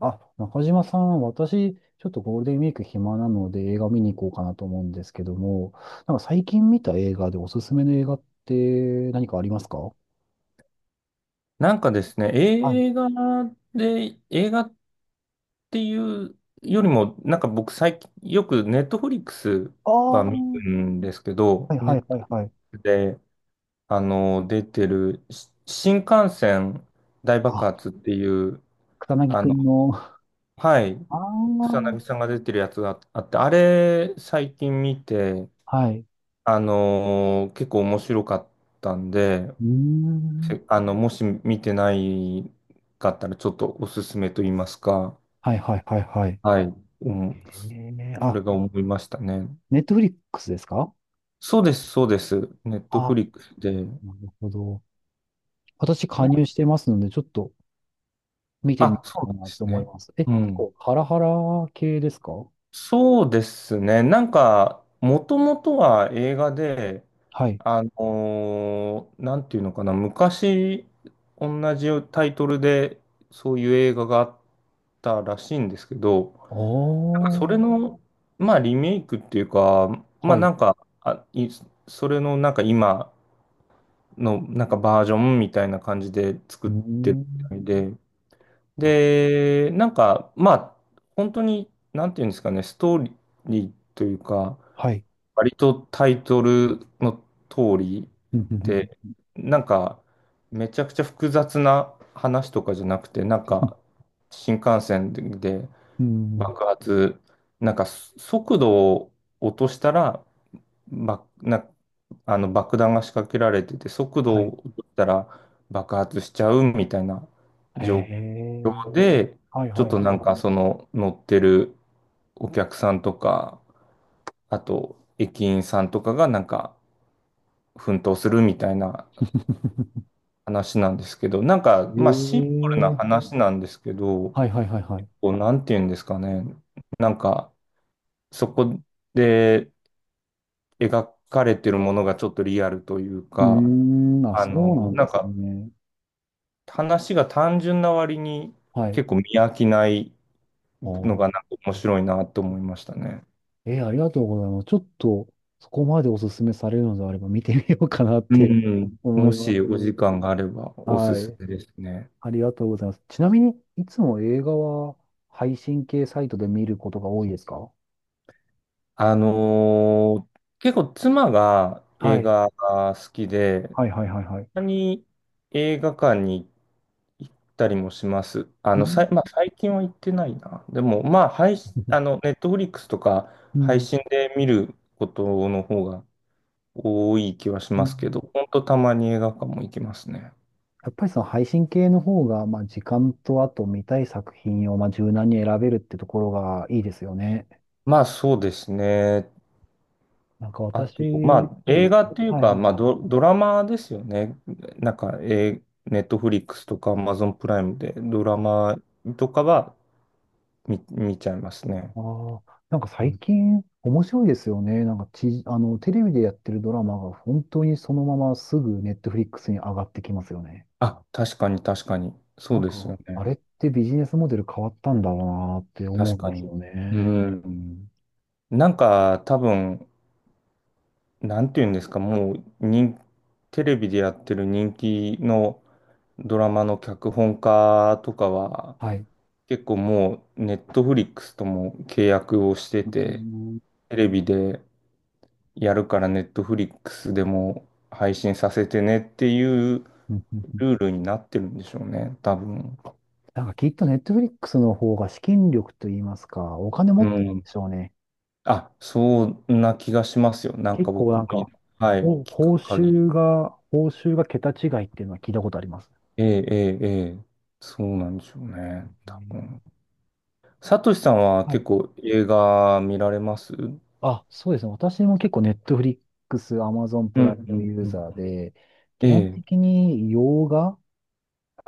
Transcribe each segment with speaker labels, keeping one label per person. Speaker 1: あ、中島さん、私、ちょっとゴールデンウィーク暇なので映画見に行こうかなと思うんですけども、なんか最近見た映画でおすすめの映画って何かありますか？は
Speaker 2: なんかですね、
Speaker 1: い。
Speaker 2: 映画で、映画っていうよりも、なんか僕最近、よくネットフリックス
Speaker 1: ああ、
Speaker 2: は
Speaker 1: は
Speaker 2: 見るんですけど、
Speaker 1: い
Speaker 2: ネ
Speaker 1: はい
Speaker 2: ッ
Speaker 1: は
Speaker 2: ト
Speaker 1: い
Speaker 2: フリッ
Speaker 1: はい。
Speaker 2: クスで、出てる、し新幹線大爆
Speaker 1: あ、
Speaker 2: 発っていう、
Speaker 1: 草薙
Speaker 2: あ
Speaker 1: く
Speaker 2: の、
Speaker 1: んの、
Speaker 2: はい、
Speaker 1: あ
Speaker 2: 草
Speaker 1: あ、
Speaker 2: 薙さんが出てるやつがあって、あれ、最近見て、
Speaker 1: はい。
Speaker 2: 結構面白かったんで、
Speaker 1: うーん。
Speaker 2: せあの、もし見てないかったら、ちょっとおすすめと言いますか、
Speaker 1: はいはいはいはい。
Speaker 2: はい。うん。
Speaker 1: え
Speaker 2: そ
Speaker 1: あ、
Speaker 2: れが思いましたね。
Speaker 1: ネットフリックスですか？
Speaker 2: そうです、そうです。ネット
Speaker 1: あ、
Speaker 2: フリックスで。
Speaker 1: なるほど。私加
Speaker 2: な、
Speaker 1: 入してますので、ちょっと見てみ
Speaker 2: あ、
Speaker 1: よ
Speaker 2: そう
Speaker 1: う
Speaker 2: な
Speaker 1: か
Speaker 2: ん
Speaker 1: な
Speaker 2: で
Speaker 1: と
Speaker 2: す
Speaker 1: 思い
Speaker 2: ね。
Speaker 1: ます。え、
Speaker 2: う
Speaker 1: 結
Speaker 2: ん。
Speaker 1: 構ハラハラ系ですか？
Speaker 2: そうですね。もともとは映画で、
Speaker 1: はい。
Speaker 2: あのなんていうのかな、昔、同じタイトルで、そういう映画があったらしいんですけど、
Speaker 1: お
Speaker 2: それ
Speaker 1: ー。
Speaker 2: の、まあ、リメイクっていうか、ま
Speaker 1: は
Speaker 2: あ、
Speaker 1: い。う
Speaker 2: なんか、あ、い、それの、今のなんかバージョンみたいな感じで作
Speaker 1: ー
Speaker 2: ってるみ
Speaker 1: ん。
Speaker 2: たいで、
Speaker 1: あ、
Speaker 2: で、本当になんていうんですかね、ストーリーというか、
Speaker 1: はい。
Speaker 2: 割とタイトルの通り
Speaker 1: うん、うん、
Speaker 2: で、なんかめちゃくちゃ複雑な話とかじゃなくて、なんか新幹線で
Speaker 1: うん。うん。
Speaker 2: 爆発、なんか速度を落としたらば、な、あの爆弾が仕掛けられてて、速度
Speaker 1: はい。
Speaker 2: を落としたら爆発しちゃうみたいな
Speaker 1: へ
Speaker 2: 状
Speaker 1: え。
Speaker 2: 況で、
Speaker 1: はい、
Speaker 2: ちょ
Speaker 1: は
Speaker 2: っ
Speaker 1: い、は
Speaker 2: となんかその乗ってるお客さんとか、あと駅員さんとかがなんか奮闘するみたいな
Speaker 1: い。
Speaker 2: 話なんですけど、なんか
Speaker 1: え
Speaker 2: まあシンプルな
Speaker 1: え。
Speaker 2: 話なんですけど、
Speaker 1: はい、はい、はい、はい。
Speaker 2: こうなんていうんですかね、なんかそこで描かれてるものがちょっとリアルという
Speaker 1: うー
Speaker 2: か、
Speaker 1: ん。あ、そうなん
Speaker 2: な
Speaker 1: で
Speaker 2: ん
Speaker 1: す
Speaker 2: か
Speaker 1: ね。
Speaker 2: 話が単純な割に
Speaker 1: はい。
Speaker 2: 結構見飽きない
Speaker 1: あ
Speaker 2: のが
Speaker 1: ー、
Speaker 2: なんか面白いなと思いましたね。
Speaker 1: ありがとうございます。ちょっと、そこまでおすすめされるのであれば見てみようかなっ
Speaker 2: う
Speaker 1: て
Speaker 2: ん。
Speaker 1: 思
Speaker 2: も
Speaker 1: います。
Speaker 2: しお時間があればおす
Speaker 1: は
Speaker 2: す
Speaker 1: い。
Speaker 2: めですね。
Speaker 1: ありがとうございます。ちなみに、いつも映画は配信系サイトで見ることが多いですか？
Speaker 2: 結構妻が
Speaker 1: は
Speaker 2: 映
Speaker 1: い。
Speaker 2: 画が好きで、
Speaker 1: はいはいはいはい。
Speaker 2: たまに映画館に行ったりもします。
Speaker 1: うん。
Speaker 2: まあ、最近は行ってないな。でも、まあ、配信、あの、ネットフリックスとか
Speaker 1: う
Speaker 2: 配
Speaker 1: ん。
Speaker 2: 信で見ることの方が多い気はし
Speaker 1: う
Speaker 2: ますけど、
Speaker 1: ん。
Speaker 2: ほんとたまに映画館も行きますね。
Speaker 1: やっぱりその配信系の方が、まあ時間とあと見たい作品をまあ柔軟に選べるってところがいいですよね。
Speaker 2: まあそうですね。
Speaker 1: なんか私、
Speaker 2: あと、まあ
Speaker 1: そうで
Speaker 2: 映
Speaker 1: す
Speaker 2: 画
Speaker 1: ね。
Speaker 2: っていう
Speaker 1: はい
Speaker 2: か、
Speaker 1: はいはい。
Speaker 2: ドラマですよね。なんか、ネットフリックスとか Amazon プライムでドラマとかは見ちゃいますね。
Speaker 1: ああ、なんか
Speaker 2: う
Speaker 1: 最
Speaker 2: ん、
Speaker 1: 近面白いですよね。なんかテレビでやってるドラマが本当にそのまますぐネットフリックスに上がってきますよね。
Speaker 2: あ、確かに確かに。そ
Speaker 1: な
Speaker 2: う
Speaker 1: ん
Speaker 2: です
Speaker 1: か、
Speaker 2: よ
Speaker 1: あ
Speaker 2: ね。
Speaker 1: れってビジネスモデル変わったんだろうなって思う
Speaker 2: 確
Speaker 1: ん
Speaker 2: か
Speaker 1: ですよ
Speaker 2: に。う
Speaker 1: ね。
Speaker 2: ん。なんか多分、なんていうんですか、もう人、テレビでやってる人気のドラマの脚本家とかは、
Speaker 1: はい。
Speaker 2: 結構もう、ネットフリックスとも契約をして
Speaker 1: う
Speaker 2: て、
Speaker 1: ん
Speaker 2: テレビでやるからネットフリックスでも配信させてねっていう
Speaker 1: うんうん。
Speaker 2: ルールになってるんでしょうね、多分。
Speaker 1: なんかきっとネットフリックスの方が資金力といいますか、お金持
Speaker 2: う
Speaker 1: ってるん
Speaker 2: ん。
Speaker 1: でしょうね。
Speaker 2: あ、そんな気がしますよ。なんか
Speaker 1: 結構
Speaker 2: 僕
Speaker 1: な
Speaker 2: も、
Speaker 1: んか、
Speaker 2: はい、
Speaker 1: お
Speaker 2: 聞
Speaker 1: 報
Speaker 2: く限
Speaker 1: 酬
Speaker 2: り。
Speaker 1: が、報酬が桁違いっていうのは聞いたことあります。
Speaker 2: ええ、ええ、ええ、そうなんでしょうね、
Speaker 1: う
Speaker 2: 多
Speaker 1: ん。
Speaker 2: 分。サトシさんは
Speaker 1: は
Speaker 2: 結
Speaker 1: い。
Speaker 2: 構映画見られますうん、
Speaker 1: あ、そうですね。私も結構ネットフリックス、アマゾンプ
Speaker 2: うん、
Speaker 1: ライ
Speaker 2: う
Speaker 1: ム
Speaker 2: ん、
Speaker 1: ユー
Speaker 2: うん。
Speaker 1: ザーで、
Speaker 2: え
Speaker 1: 基本
Speaker 2: え、
Speaker 1: 的に洋画、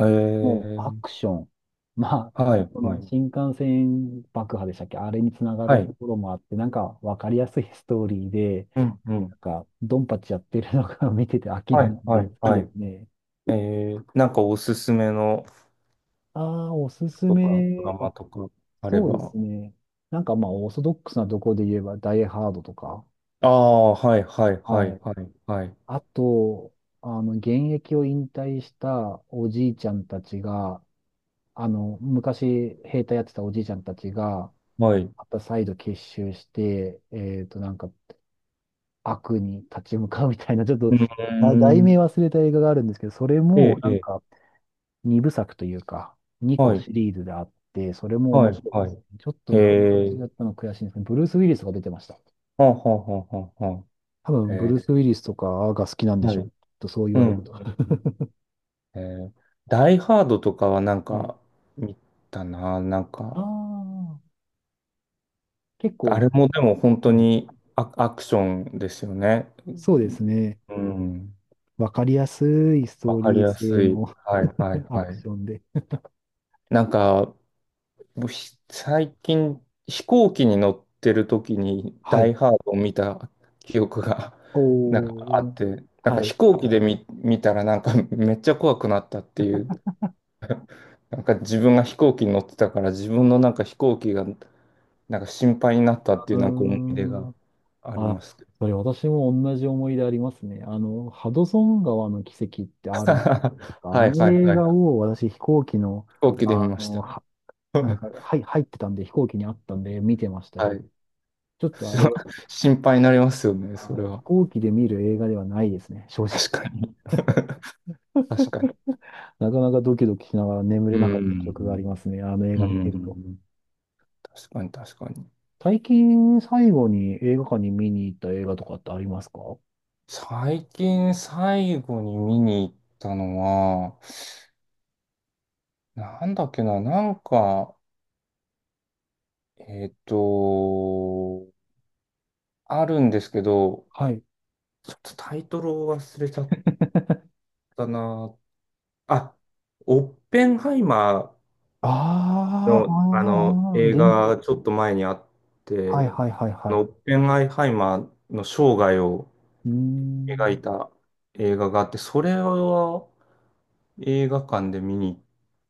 Speaker 2: え
Speaker 1: もうア
Speaker 2: え、
Speaker 1: クション、まあ、
Speaker 2: はい、
Speaker 1: そ
Speaker 2: は
Speaker 1: の
Speaker 2: い、
Speaker 1: 新幹線爆破でしたっけ？あれにつなが
Speaker 2: は
Speaker 1: ると
Speaker 2: い。
Speaker 1: ころもあって、なんかわかりやすいストーリーで、
Speaker 2: うん、う
Speaker 1: な
Speaker 2: ん。
Speaker 1: んか、ドンパチやってるのが 見てて飽き
Speaker 2: は
Speaker 1: ないん
Speaker 2: い、は
Speaker 1: で、好
Speaker 2: い、
Speaker 1: き
Speaker 2: は
Speaker 1: で
Speaker 2: い。
Speaker 1: すね。
Speaker 2: ええ、なんかおすすめの
Speaker 1: ああ、おすす
Speaker 2: とか、ドラ
Speaker 1: め。あ、
Speaker 2: マとかあれ
Speaker 1: そうで
Speaker 2: ば。
Speaker 1: すね。なんかまあ、オーソドックスなところで言えば、ダイハードとか。
Speaker 2: ああ、はい、はい、は
Speaker 1: は
Speaker 2: い、
Speaker 1: い。
Speaker 2: はい、はい、
Speaker 1: あと、現役を引退したおじいちゃんたちが、昔兵隊やってたおじいちゃんたちが、
Speaker 2: はい。
Speaker 1: また再度結集して、なんか、悪に立ち向かうみたいな、ちょっと、
Speaker 2: うん
Speaker 1: あ題
Speaker 2: ー
Speaker 1: 名
Speaker 2: ん。
Speaker 1: 忘れた映画があるんですけど、それ
Speaker 2: え
Speaker 1: も、
Speaker 2: え、
Speaker 1: な
Speaker 2: え
Speaker 1: ん
Speaker 2: え、
Speaker 1: か、二部作というか、二
Speaker 2: は
Speaker 1: 個
Speaker 2: い、
Speaker 1: シリーズであって、それも
Speaker 2: は
Speaker 1: 面
Speaker 2: い、
Speaker 1: 白いで
Speaker 2: は
Speaker 1: す
Speaker 2: い。
Speaker 1: ね。ちょっと
Speaker 2: へ
Speaker 1: 名前忘れちゃ
Speaker 2: え、
Speaker 1: ったの悔しいんですね。ブルース・ウィリスが出てました。
Speaker 2: はあ、はあ、はあ、はあ、はあ。
Speaker 1: 多分、ブ
Speaker 2: え
Speaker 1: ルース・ウィリスとかが好きなん
Speaker 2: え、
Speaker 1: で
Speaker 2: は
Speaker 1: しょう。
Speaker 2: い、
Speaker 1: とそう言
Speaker 2: う
Speaker 1: わ
Speaker 2: ん、
Speaker 1: れると。
Speaker 2: うん、うん。えー、ダイハードとかはなん
Speaker 1: はい。
Speaker 2: か見たな、なん
Speaker 1: あ
Speaker 2: か、
Speaker 1: あ、結構、
Speaker 2: あれもでも本
Speaker 1: は
Speaker 2: 当
Speaker 1: いはい。
Speaker 2: にアクションですよね。
Speaker 1: そうですね。
Speaker 2: うん、
Speaker 1: わかりやすいスト
Speaker 2: わ
Speaker 1: ー
Speaker 2: かり
Speaker 1: リー
Speaker 2: や
Speaker 1: 性
Speaker 2: すい。
Speaker 1: の
Speaker 2: はいはい
Speaker 1: ア
Speaker 2: は
Speaker 1: ク
Speaker 2: い。
Speaker 1: ションで。
Speaker 2: なんか、もうひ最近飛行機に乗ってる時に
Speaker 1: は
Speaker 2: ダ
Speaker 1: い。
Speaker 2: イハードを見た記憶が なんかあ
Speaker 1: おー。
Speaker 2: って、なん
Speaker 1: は
Speaker 2: か
Speaker 1: い。う
Speaker 2: 飛行機で見たらなんかめっちゃ怖くなったっていう、なんか自分が飛行機に乗ってたから自分のなんか飛行機がなんか心配になったっていうなんか思い出
Speaker 1: ー
Speaker 2: が
Speaker 1: ん。
Speaker 2: ありま
Speaker 1: あ、
Speaker 2: すけど。
Speaker 1: それ私も同じ思い出ありますね。あの、ハドソン川の奇跡ってある
Speaker 2: は
Speaker 1: あ
Speaker 2: いはい
Speaker 1: の
Speaker 2: は
Speaker 1: 映
Speaker 2: い。
Speaker 1: 画を私飛行機の、
Speaker 2: 飛行機で見
Speaker 1: あ
Speaker 2: まし
Speaker 1: の、
Speaker 2: た。
Speaker 1: は、なんですか、はい、入ってたんで飛行機にあったんで見てましたけ
Speaker 2: は
Speaker 1: ど、
Speaker 2: い。
Speaker 1: ちょっとあれは、
Speaker 2: 心配になりますよね、
Speaker 1: あ
Speaker 2: それ
Speaker 1: 飛
Speaker 2: は。
Speaker 1: 行機で見る映画ではないですね、正直。
Speaker 2: 確かに。確かに。
Speaker 1: なかなかドキドキしながら眠
Speaker 2: う
Speaker 1: れなかった記憶があり
Speaker 2: ん。
Speaker 1: ますね、あの映
Speaker 2: う
Speaker 1: 画見てると。
Speaker 2: ん。確かに確かに。
Speaker 1: 最近最後に映画館に見に行った映画とかってありますか？
Speaker 2: 最近最後に見に行ったのは、なんだっけな、なんか、えっと、あるんですけど、
Speaker 1: はい。
Speaker 2: ちょっとタイトルを忘れちゃったな。あ、オッペンハイマ
Speaker 1: あ
Speaker 2: ー
Speaker 1: あ、あー、
Speaker 2: の、あの
Speaker 1: あ
Speaker 2: 映
Speaker 1: ー、あ、
Speaker 2: 画がちょっと前にあっ
Speaker 1: はい
Speaker 2: て、
Speaker 1: はいはい
Speaker 2: あ
Speaker 1: は
Speaker 2: の
Speaker 1: い。
Speaker 2: オッペンハイマーの生涯を
Speaker 1: うー
Speaker 2: 描い
Speaker 1: ん。
Speaker 2: た映画があって、それは映画館で見に行っ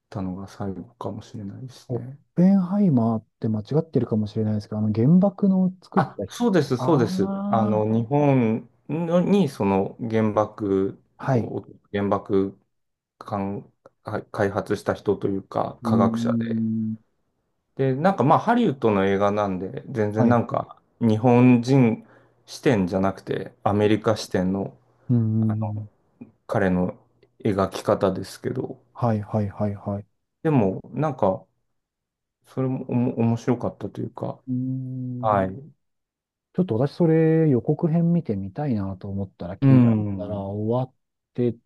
Speaker 2: たのが最後かもしれないです
Speaker 1: オッ
Speaker 2: ね。
Speaker 1: ペンハイマーって間違ってるかもしれないですけど、あの原爆の作っ
Speaker 2: あ、
Speaker 1: た日。
Speaker 2: そうです、
Speaker 1: あ
Speaker 2: そうです。あ
Speaker 1: あ、
Speaker 2: の、日本のにその原爆
Speaker 1: はい。
Speaker 2: を、原爆かん開発した人というか、
Speaker 1: うー
Speaker 2: 科学者で、
Speaker 1: ん、
Speaker 2: で、なんかまあハリウッドの映画なんで、全
Speaker 1: は
Speaker 2: 然な
Speaker 1: い。
Speaker 2: んか日本人視点じゃなくてアメリカ視点の、
Speaker 1: うー
Speaker 2: あ
Speaker 1: ん、
Speaker 2: の彼の描き方ですけど、
Speaker 1: はい、はい、はい、はい。
Speaker 2: でもなんかそれも面白かったというか、
Speaker 1: うーん、
Speaker 2: はい。
Speaker 1: ちょっと私それ予告編見てみたいなと思ったら
Speaker 2: う
Speaker 1: 聞いたら
Speaker 2: ん。
Speaker 1: 終わって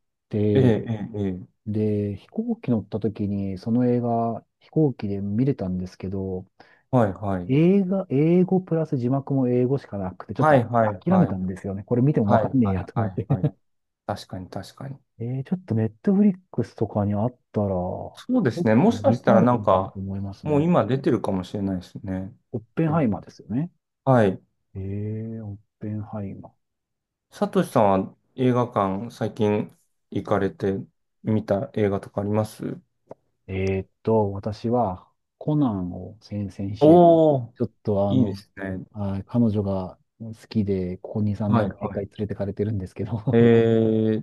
Speaker 2: え
Speaker 1: て、
Speaker 2: え、ええ、ええ。
Speaker 1: で、飛行機乗った時にその映画飛行機で見れたんですけど、
Speaker 2: はい、はい。
Speaker 1: 映画、英語プラス字幕も英語しかなくて、ちょっ
Speaker 2: は
Speaker 1: と
Speaker 2: い、はい、
Speaker 1: 諦め
Speaker 2: は
Speaker 1: た
Speaker 2: い。
Speaker 1: んですよね。これ見てもわ
Speaker 2: はい、
Speaker 1: かんねえ
Speaker 2: は
Speaker 1: や
Speaker 2: い、
Speaker 1: と
Speaker 2: は
Speaker 1: 思っ
Speaker 2: い、
Speaker 1: て。
Speaker 2: はい。確かに、確かに。
Speaker 1: ちょっとネットフリックスとかにあったら、ちょ
Speaker 2: そうで
Speaker 1: っ
Speaker 2: すね。
Speaker 1: と
Speaker 2: もしか
Speaker 1: 見
Speaker 2: したら
Speaker 1: たい
Speaker 2: なん
Speaker 1: なと
Speaker 2: か、
Speaker 1: 思います
Speaker 2: もう
Speaker 1: ね。
Speaker 2: 今出てるかもしれないですね。
Speaker 1: オッペンハイマーですよね。
Speaker 2: はい。
Speaker 1: オッペンハイマー。
Speaker 2: サトシさんは映画館最近行かれて見た映画とかあります？
Speaker 1: 私はコナンを先々週、
Speaker 2: おお
Speaker 1: ちょっと
Speaker 2: ー、いいですね。
Speaker 1: あー、彼女が好きで、ここ2、3年
Speaker 2: はい
Speaker 1: は毎
Speaker 2: は
Speaker 1: 回連
Speaker 2: い。
Speaker 1: れてかれてるんですけど
Speaker 2: え ー、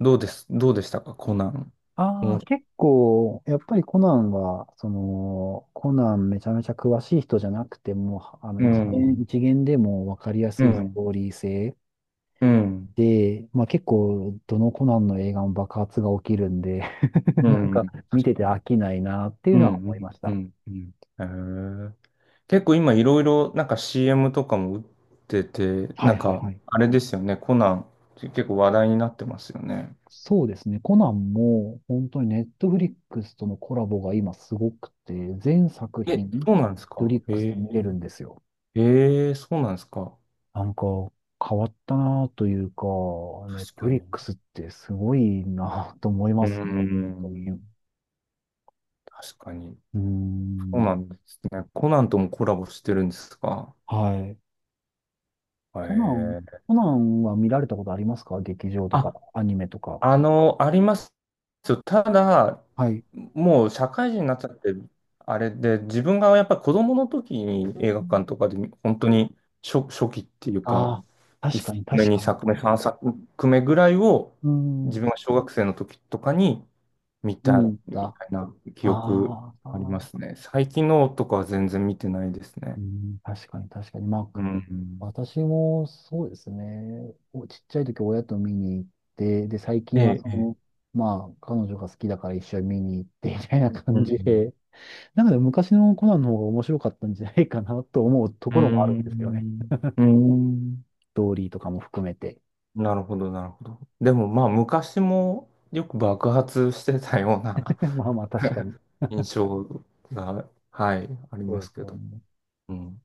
Speaker 2: どうです、どうでしたか、コナン。
Speaker 1: ああ、
Speaker 2: 面白
Speaker 1: 結構、やっぱりコナンは、コナンめちゃめちゃ詳しい人じゃなくても、
Speaker 2: う
Speaker 1: 一見、
Speaker 2: ん、
Speaker 1: 一見でも分かりや
Speaker 2: う
Speaker 1: すいスト
Speaker 2: ん、
Speaker 1: ーリー性、
Speaker 2: うん、
Speaker 1: で、まあ結構、どのコナンの映画も爆発が起きるんで
Speaker 2: う
Speaker 1: なんか
Speaker 2: ん、
Speaker 1: 見
Speaker 2: 確
Speaker 1: て
Speaker 2: か
Speaker 1: て飽
Speaker 2: に。
Speaker 1: きないなってい
Speaker 2: う
Speaker 1: う
Speaker 2: ん、
Speaker 1: のは
Speaker 2: う
Speaker 1: 思い
Speaker 2: ん、
Speaker 1: まし
Speaker 2: う
Speaker 1: た。
Speaker 2: ん、うん。えー、結構今いろいろなんか CM とかも打ってて、
Speaker 1: は
Speaker 2: な
Speaker 1: い
Speaker 2: ん
Speaker 1: はい
Speaker 2: か
Speaker 1: はい。
Speaker 2: あれですよね、コナン結構話題になってますよね。
Speaker 1: そうですね。コナンも本当にネットフリックスとのコラボが今すごくて、全作
Speaker 2: え、
Speaker 1: 品、ネッ
Speaker 2: そうなんです
Speaker 1: トフ
Speaker 2: か。
Speaker 1: リックスで
Speaker 2: え、
Speaker 1: 見れるんですよ。
Speaker 2: ええ、そうなんですか。
Speaker 1: なんか変わったなというか、ネッ
Speaker 2: 確
Speaker 1: トフ
Speaker 2: か
Speaker 1: リック
Speaker 2: に。
Speaker 1: スってすごいなと思いま
Speaker 2: うー
Speaker 1: すね。本当に。
Speaker 2: ん。
Speaker 1: う
Speaker 2: 確かに。
Speaker 1: ー
Speaker 2: そう
Speaker 1: ん。
Speaker 2: なんですね。コナンともコラボしてるんですか？
Speaker 1: はい。
Speaker 2: え
Speaker 1: コナン、
Speaker 2: え。
Speaker 1: コナンは見られたことありますか？劇場とか、
Speaker 2: あ、
Speaker 1: アニメとか。
Speaker 2: あの、あります。ただ、
Speaker 1: はい。
Speaker 2: もう社会人になっちゃって、あれで、自分がやっぱり子供の時に映画館とかで、本当に初期っていうか、
Speaker 1: ああー、確
Speaker 2: 1
Speaker 1: かに、
Speaker 2: 作目、
Speaker 1: 確か
Speaker 2: 2
Speaker 1: に。
Speaker 2: 作目、3作目ぐらいを、
Speaker 1: う
Speaker 2: 自
Speaker 1: ん、
Speaker 2: 分が小学生の時とかに見
Speaker 1: 見に
Speaker 2: た
Speaker 1: 行っ
Speaker 2: み
Speaker 1: た。
Speaker 2: たいな記憶
Speaker 1: あー
Speaker 2: ありま
Speaker 1: あ
Speaker 2: すね。最近のとかは全然見てないです
Speaker 1: ー、
Speaker 2: ね。
Speaker 1: うん、確かに、確かに。ま
Speaker 2: う
Speaker 1: あ、
Speaker 2: ん。
Speaker 1: 私もそうですね。ちっちゃい時親と見に行って、で、最
Speaker 2: え
Speaker 1: 近は
Speaker 2: え、
Speaker 1: そ
Speaker 2: え
Speaker 1: の、
Speaker 2: え。
Speaker 1: まあ、彼女が好きだから一緒に見に行って、みたいな
Speaker 2: う
Speaker 1: 感
Speaker 2: ん。
Speaker 1: じで、なんかでも昔のコナンの方が面白かったんじゃないかなと思うとこ
Speaker 2: う
Speaker 1: ろもあるんですよね。
Speaker 2: ん。うん。
Speaker 1: ストーリーとかも含めて。
Speaker 2: なるほど、なるほど。でもまあ昔もよく爆発してたような
Speaker 1: まあまあ、確かに。
Speaker 2: 印象が、はい、あり
Speaker 1: そう
Speaker 2: ま
Speaker 1: で
Speaker 2: す
Speaker 1: す
Speaker 2: け
Speaker 1: よ
Speaker 2: ど。
Speaker 1: ね。
Speaker 2: うん。